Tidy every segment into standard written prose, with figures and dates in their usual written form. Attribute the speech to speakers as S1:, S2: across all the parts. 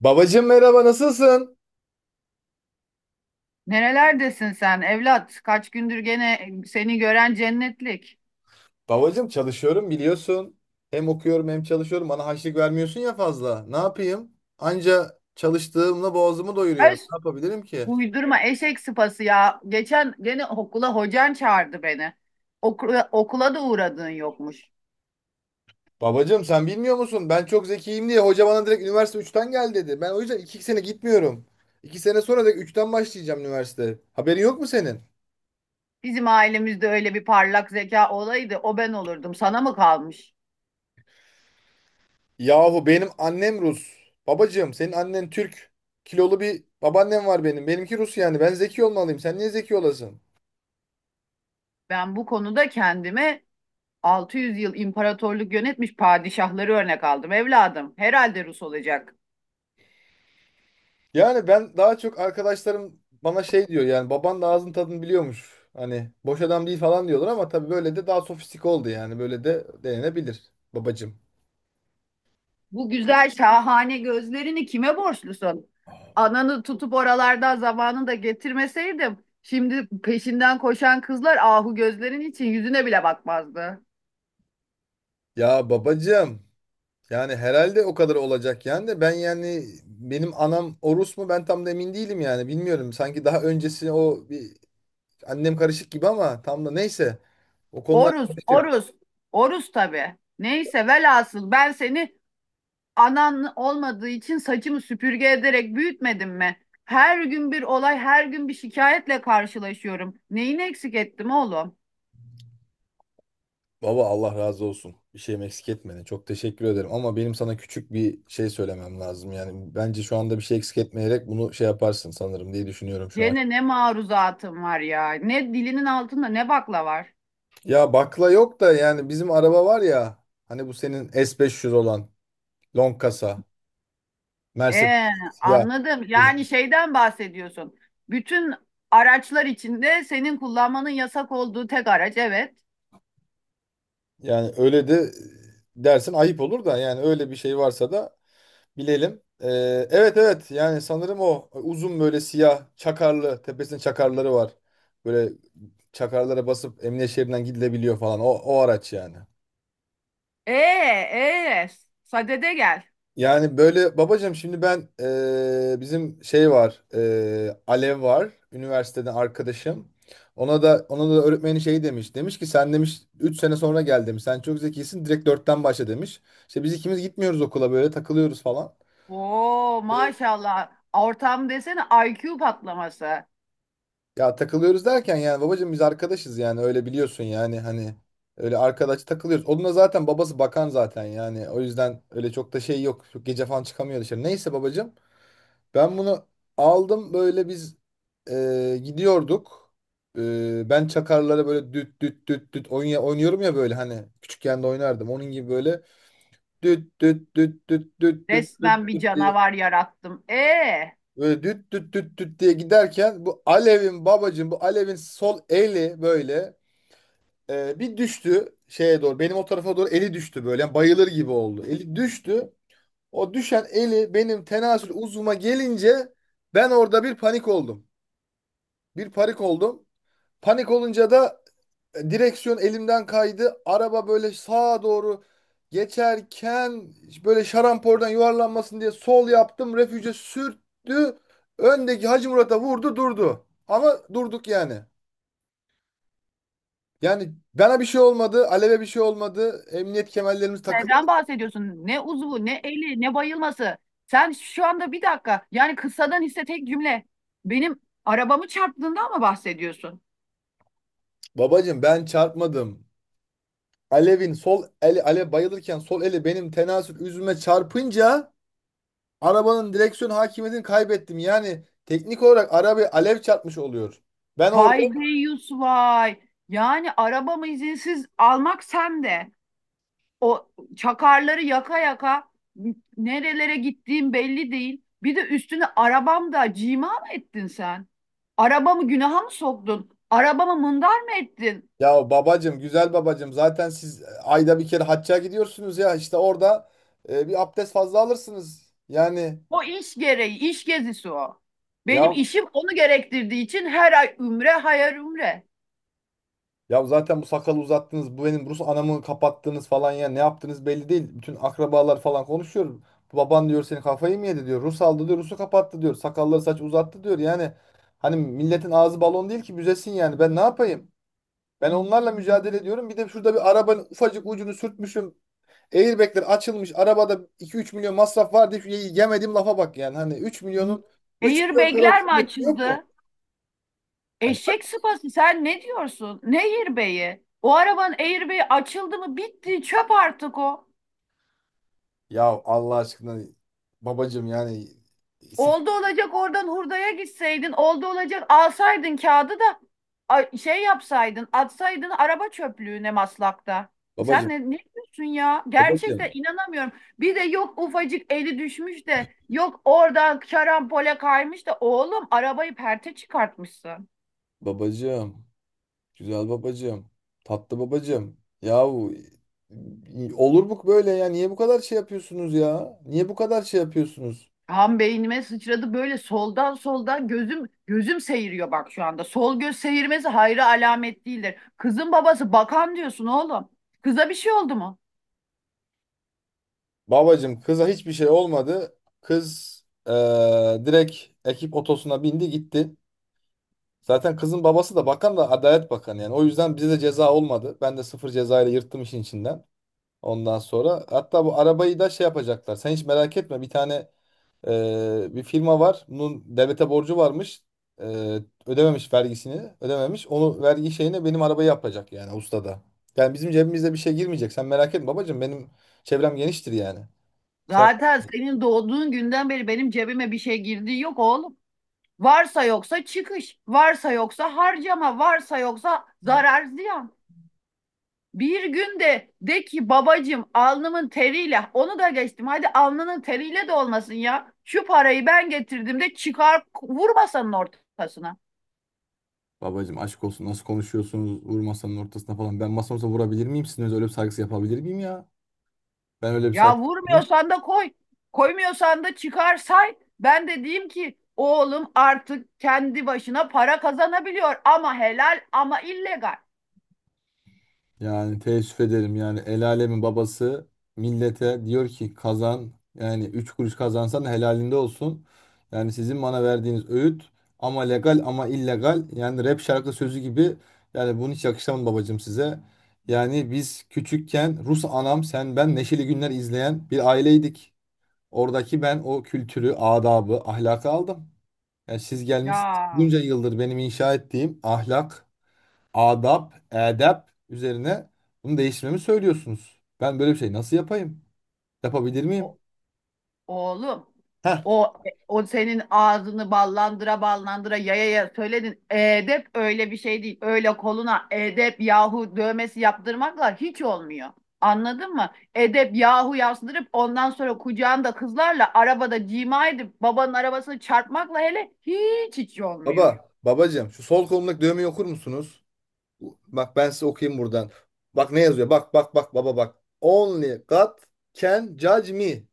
S1: Babacım merhaba nasılsın?
S2: Nerelerdesin sen evlat? Kaç gündür gene seni gören cennetlik.
S1: Babacım çalışıyorum biliyorsun. Hem okuyorum hem çalışıyorum. Bana harçlık vermiyorsun ya fazla. Ne yapayım? Anca çalıştığımla boğazımı doyuruyorum.
S2: Öz,
S1: Ne yapabilirim ki?
S2: uydurma eşek sıpası ya. Geçen gene okula hocan çağırdı beni. Okula, okula da uğradığın yokmuş.
S1: Babacım sen bilmiyor musun? Ben çok zekiyim diye hoca bana direkt üniversite üçten gel dedi. Ben o yüzden 2 sene gitmiyorum. 2 sene sonra da üçten başlayacağım üniversite. Haberin yok mu senin?
S2: Bizim ailemizde öyle bir parlak zeka olaydı o ben olurdum. Sana mı kalmış?
S1: Yahu benim annem Rus. Babacım senin annen Türk. Kilolu bir babaannem var benim. Benimki Rus yani. Ben zeki olmalıyım. Sen niye zeki olasın?
S2: Ben bu konuda kendime 600 yıl imparatorluk yönetmiş padişahları örnek aldım evladım. Herhalde Rus olacak.
S1: Yani ben daha çok arkadaşlarım bana şey diyor, yani baban da ağzın tadını biliyormuş. Hani boş adam değil falan diyorlar ama tabii böyle de daha sofistik oldu yani. Böyle de denenebilir babacım.
S2: Bu güzel şahane gözlerini kime borçlusun? Ananı tutup oralardan zamanında getirmeseydim, şimdi peşinden koşan kızlar ahu gözlerin için yüzüne bile bakmazdı.
S1: Ya babacım, yani herhalde o kadar olacak yani, de ben yani benim anam o Rus mu ben tam da emin değilim yani, bilmiyorum. Sanki daha öncesi o bir annem karışık gibi, ama tam da neyse, o konular
S2: Oruz,
S1: karışık.
S2: Oruz, Oruz tabii. Neyse velhasıl ben seni anan olmadığı için saçımı süpürge ederek büyütmedim mi? Her gün bir olay, her gün bir şikayetle karşılaşıyorum. Neyini eksik ettim oğlum?
S1: Baba, Allah razı olsun. Bir şeyim eksik etmedin. Çok teşekkür ederim. Ama benim sana küçük bir şey söylemem lazım. Yani bence şu anda bir şey eksik etmeyerek bunu şey yaparsın sanırım diye düşünüyorum şu an.
S2: Gene ne maruzatım var ya. Ne dilinin altında ne bakla var.
S1: Ya bakla yok da yani bizim araba var ya. Hani bu senin S500 olan long kasa Mercedes,
S2: Ee,
S1: ya
S2: Anladım. Yani şeyden bahsediyorsun. Bütün araçlar içinde senin kullanmanın yasak olduğu tek araç, evet.
S1: yani öyle de dersin ayıp olur da, yani öyle bir şey varsa da bilelim. Evet evet, yani sanırım o uzun böyle siyah çakarlı, tepesinde çakarları var. Böyle çakarlara basıp emniyet şeridinden gidilebiliyor falan o araç yani.
S2: Ee, ee, Sadede gel.
S1: Yani böyle babacığım şimdi ben, bizim şey var, Alev var üniversiteden arkadaşım. Ona da öğretmeni şey demiş. Demiş ki sen demiş 3 sene sonra gel demiş. Sen çok zekisin, direkt dörtten başla demiş. İşte biz ikimiz gitmiyoruz okula, böyle takılıyoruz falan.
S2: Oo,
S1: Ee,
S2: maşallah. Ortam desene IQ patlaması.
S1: Ya takılıyoruz derken yani babacığım, biz arkadaşız yani, öyle biliyorsun yani hani, öyle arkadaş takılıyoruz. Onun da zaten babası bakan zaten yani, o yüzden öyle çok da şey yok. Çok gece falan çıkamıyor dışarı. Neyse babacığım, ben bunu aldım, böyle biz gidiyorduk. Ben çakarlara böyle düt düt düt düt oynay oynuyorum ya, böyle hani küçükken de oynardım. Onun gibi böyle düt düt düt düt düt düt düt
S2: Resmen bir
S1: düt diye,
S2: canavar yarattım.
S1: böyle düt düt düt düt diye giderken, bu Alev'in babacığım, bu Alev'in sol eli böyle bir düştü şeye doğru. Benim o tarafa doğru eli düştü böyle. Yani bayılır gibi oldu. Eli düştü. O düşen eli benim tenasül uzvuma gelince ben orada bir panik oldum. Bir panik oldum. Panik olunca da direksiyon elimden kaydı. Araba böyle sağa doğru geçerken, böyle şarampolden yuvarlanmasın diye sol yaptım. Refüje sürttü. Öndeki Hacı Murat'a vurdu durdu. Ama durduk yani. Yani bana bir şey olmadı, Alev'e bir şey olmadı. Emniyet kemerlerimiz takıldı.
S2: Neden bahsediyorsun? Ne uzvu, ne eli, ne bayılması. Sen şu anda bir dakika, yani kısadan hisse tek cümle. Benim arabamı çarptığından mı bahsediyorsun?
S1: Babacım ben çarpmadım. Alev'in sol eli, Alev bayılırken sol eli benim tenasül üzüme çarpınca arabanın direksiyon hakimiyetini kaybettim. Yani teknik olarak arabayı Alev çarpmış oluyor. Ben orada,
S2: Vay deyyus vay. Yani arabamı izinsiz almak sen de. O çakarları yaka yaka nerelere gittiğim belli değil. Bir de üstüne arabamda cima mı ettin sen? Arabamı günaha mı soktun? Arabamı mındar mı ettin?
S1: ya babacım, güzel babacım, zaten siz ayda bir kere hacca gidiyorsunuz ya, işte orada bir abdest fazla alırsınız yani.
S2: O iş gereği, iş gezisi o.
S1: ya
S2: Benim işim onu gerektirdiği için her ay ümre, hayal ümre.
S1: Ya zaten bu sakalı uzattınız, bu benim Rus anamı kapattınız falan, ya ne yaptınız belli değil. Bütün akrabalar falan konuşuyor. Baban diyor, senin kafayı mı yedi diyor. Rus aldı diyor, Rus'u kapattı diyor. Sakalları saç uzattı diyor. Yani hani milletin ağzı balon değil ki büzesin yani. Ben ne yapayım? Ben onlarla mücadele ediyorum. Bir de şurada bir arabanın ufacık ucunu sürtmüşüm. Airbag'ler açılmış. Arabada iki üç milyon masraf var diye şu yemediğim lafa bak yani. Hani 3 milyonun 3 milyon kadar
S2: Airbag'ler mi
S1: kıymeti yok mu?
S2: açıldı?
S1: Yani
S2: Eşek sıpası sen ne diyorsun? Ne airbag'i? O arabanın airbag'i açıldı mı bitti çöp artık o.
S1: ya Allah aşkına babacığım yani.
S2: Oldu olacak oradan hurdaya gitseydin. Oldu olacak alsaydın kağıdı da şey yapsaydın atsaydın araba çöplüğüne maslakta. Sen
S1: Babacım,
S2: ne diyorsun ya? Gerçekten
S1: babacım,
S2: inanamıyorum. Bir de yok ufacık eli düşmüş de yok oradan şarampole kaymış da oğlum arabayı perte çıkartmışsın.
S1: babacım, güzel babacım, tatlı babacım. Yahu olur bu böyle ya? Niye bu kadar şey yapıyorsunuz ya? Niye bu kadar şey yapıyorsunuz?
S2: Tam beynime sıçradı böyle soldan gözüm seyiriyor bak şu anda. Sol göz seyirmesi hayra alamet değildir. Kızın babası bakan diyorsun oğlum. Kıza bir şey oldu mu?
S1: Babacım kıza hiçbir şey olmadı. Kız direkt ekip otosuna bindi gitti. Zaten kızın babası da bakan da Adalet Bakanı yani. O yüzden bize de ceza olmadı. Ben de sıfır cezayla yırttım işin içinden. Ondan sonra hatta bu arabayı da şey yapacaklar. Sen hiç merak etme, bir tane bir firma var. Bunun devlete borcu varmış. Ee, Ödememiş vergisini. Ödememiş. Onu vergi şeyine benim arabayı yapacak yani ustada. Yani bizim cebimizde bir şey girmeyecek. Sen merak etme babacığım. Benim çevrem geniştir yani. Sen
S2: Zaten senin doğduğun günden beri benim cebime bir şey girdiği yok oğlum. Varsa yoksa çıkış, varsa yoksa harcama, varsa yoksa zarar ziyan. Bir gün de ki babacığım alnımın teriyle onu da geçtim. Hadi alnının teriyle de olmasın ya. Şu parayı ben getirdim de çıkar vurmasanın ortasına.
S1: babacım aşk olsun, nasıl konuşuyorsunuz, vur masanın ortasına falan. Ben masamıza vurabilir miyim? Sizin öyle bir saygısı yapabilir miyim ya? Ben öyle bir saygı.
S2: Ya vurmuyorsan da koy. Koymuyorsan da çıkar say. Ben de diyeyim ki oğlum artık kendi başına para kazanabiliyor ama helal ama illegal.
S1: Yani teessüf ederim, yani el alemin babası millete diyor ki kazan, yani 3 kuruş kazansan da helalinde olsun. Yani sizin bana verdiğiniz öğüt, ama legal ama illegal, yani rap şarkı sözü gibi, yani bunu hiç yakışamam babacığım size. Yani biz küçükken Rus anam, sen, ben Neşeli Günler izleyen bir aileydik. Oradaki ben o kültürü, adabı, ahlakı aldım. Yani siz gelmişsiniz
S2: Ya
S1: bunca yıldır benim inşa ettiğim ahlak, adap, edep üzerine bunu değiştirmemi söylüyorsunuz. Ben böyle bir şey nasıl yapayım? Yapabilir miyim?
S2: o Oğlum
S1: Heh,
S2: o o senin ağzını ballandıra ballandıra yaya yaya söyledin. Edep öyle bir şey değil. Öyle koluna edep yahu dövmesi yaptırmakla hiç olmuyor. Anladın mı? Edep yahu yazdırıp ondan sonra kucağında kızlarla arabada cima edip babanın arabasını çarpmakla hele hiç hiç olmuyor.
S1: baba, babacığım şu sol kolumdaki dövmeyi okur musunuz? Bak ben size okuyayım buradan. Bak ne yazıyor? Bak bak bak baba bak. Only God can judge me.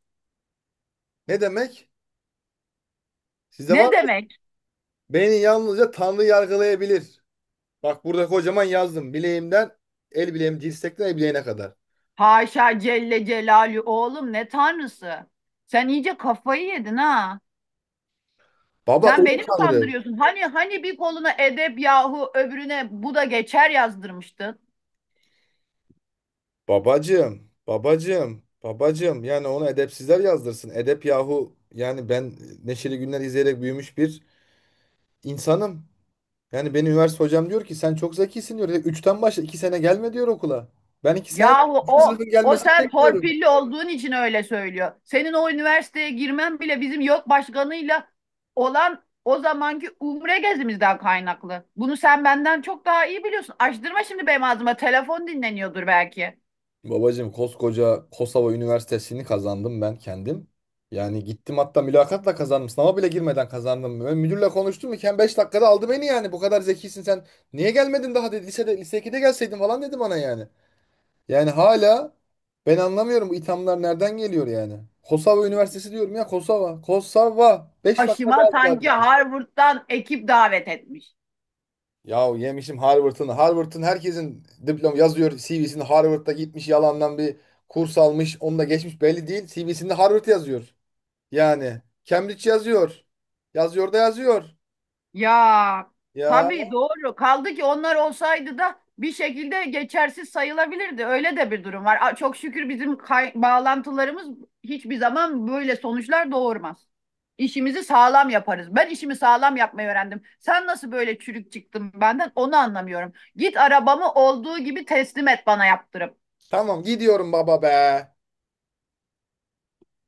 S1: Ne demek? Sizde var
S2: Ne
S1: mı?
S2: demek?
S1: Beni yalnızca Tanrı yargılayabilir. Bak burada kocaman yazdım. Bileğimden, el bileğim dirsekten el bileğine kadar.
S2: Haşa Celle Celalü oğlum ne tanrısı. Sen iyice kafayı yedin ha.
S1: Baba o
S2: Sen beni
S1: mu
S2: mi
S1: Tanrı?
S2: kandırıyorsun? Hani bir koluna edep yahu öbürüne bu da geçer yazdırmıştın.
S1: Babacım, babacım, babacım. Yani onu edepsizler yazdırsın. Edep yahu. Yani ben Neşeli Günler izleyerek büyümüş bir insanım. Yani benim üniversite hocam diyor ki sen çok zekisin diyor. Üçten başla, iki sene gelme diyor okula. Ben iki sene
S2: Yahu
S1: üçüncü
S2: o
S1: sınıfın
S2: o
S1: gelmesini
S2: sen
S1: bekliyorum.
S2: torpilli olduğun için öyle söylüyor. Senin o üniversiteye girmen bile bizim yok başkanıyla olan o zamanki umre gezimizden kaynaklı. Bunu sen benden çok daha iyi biliyorsun. Açtırma şimdi benim ağzıma. Telefon dinleniyordur belki.
S1: Babacım koskoca Kosova Üniversitesi'ni kazandım ben kendim. Yani gittim hatta mülakatla kazandım. Sınava bile girmeden kazandım. Ben müdürle konuştum iken 5 dakikada aldı beni yani. Bu kadar zekisin sen. Niye gelmedin daha dedi. Lisede, lise 2'de gelseydin falan dedi bana yani. Yani hala ben anlamıyorum bu ithamlar nereden geliyor yani. Kosova Üniversitesi diyorum ya, Kosova. Kosova. Beş dakika daha
S2: Başıma sanki
S1: azlardı.
S2: Harvard'dan ekip davet etmiş.
S1: Yahu yemişim Harvard'ın. Harvard'ın, herkesin diplom yazıyor CV'sinde, Harvard'da gitmiş yalandan bir kurs almış. Onu da geçmiş belli değil. CV'sinde Harvard yazıyor. Yani Cambridge yazıyor. Yazıyor da yazıyor.
S2: Ya
S1: Ya
S2: tabii doğru. Kaldı ki onlar olsaydı da bir şekilde geçersiz sayılabilirdi. Öyle de bir durum var. Çok şükür bizim bağlantılarımız hiçbir zaman böyle sonuçlar doğurmaz. İşimizi sağlam yaparız. Ben işimi sağlam yapmayı öğrendim. Sen nasıl böyle çürük çıktın benden onu anlamıyorum. Git arabamı olduğu gibi teslim et bana yaptırıp.
S1: tamam, gidiyorum baba be.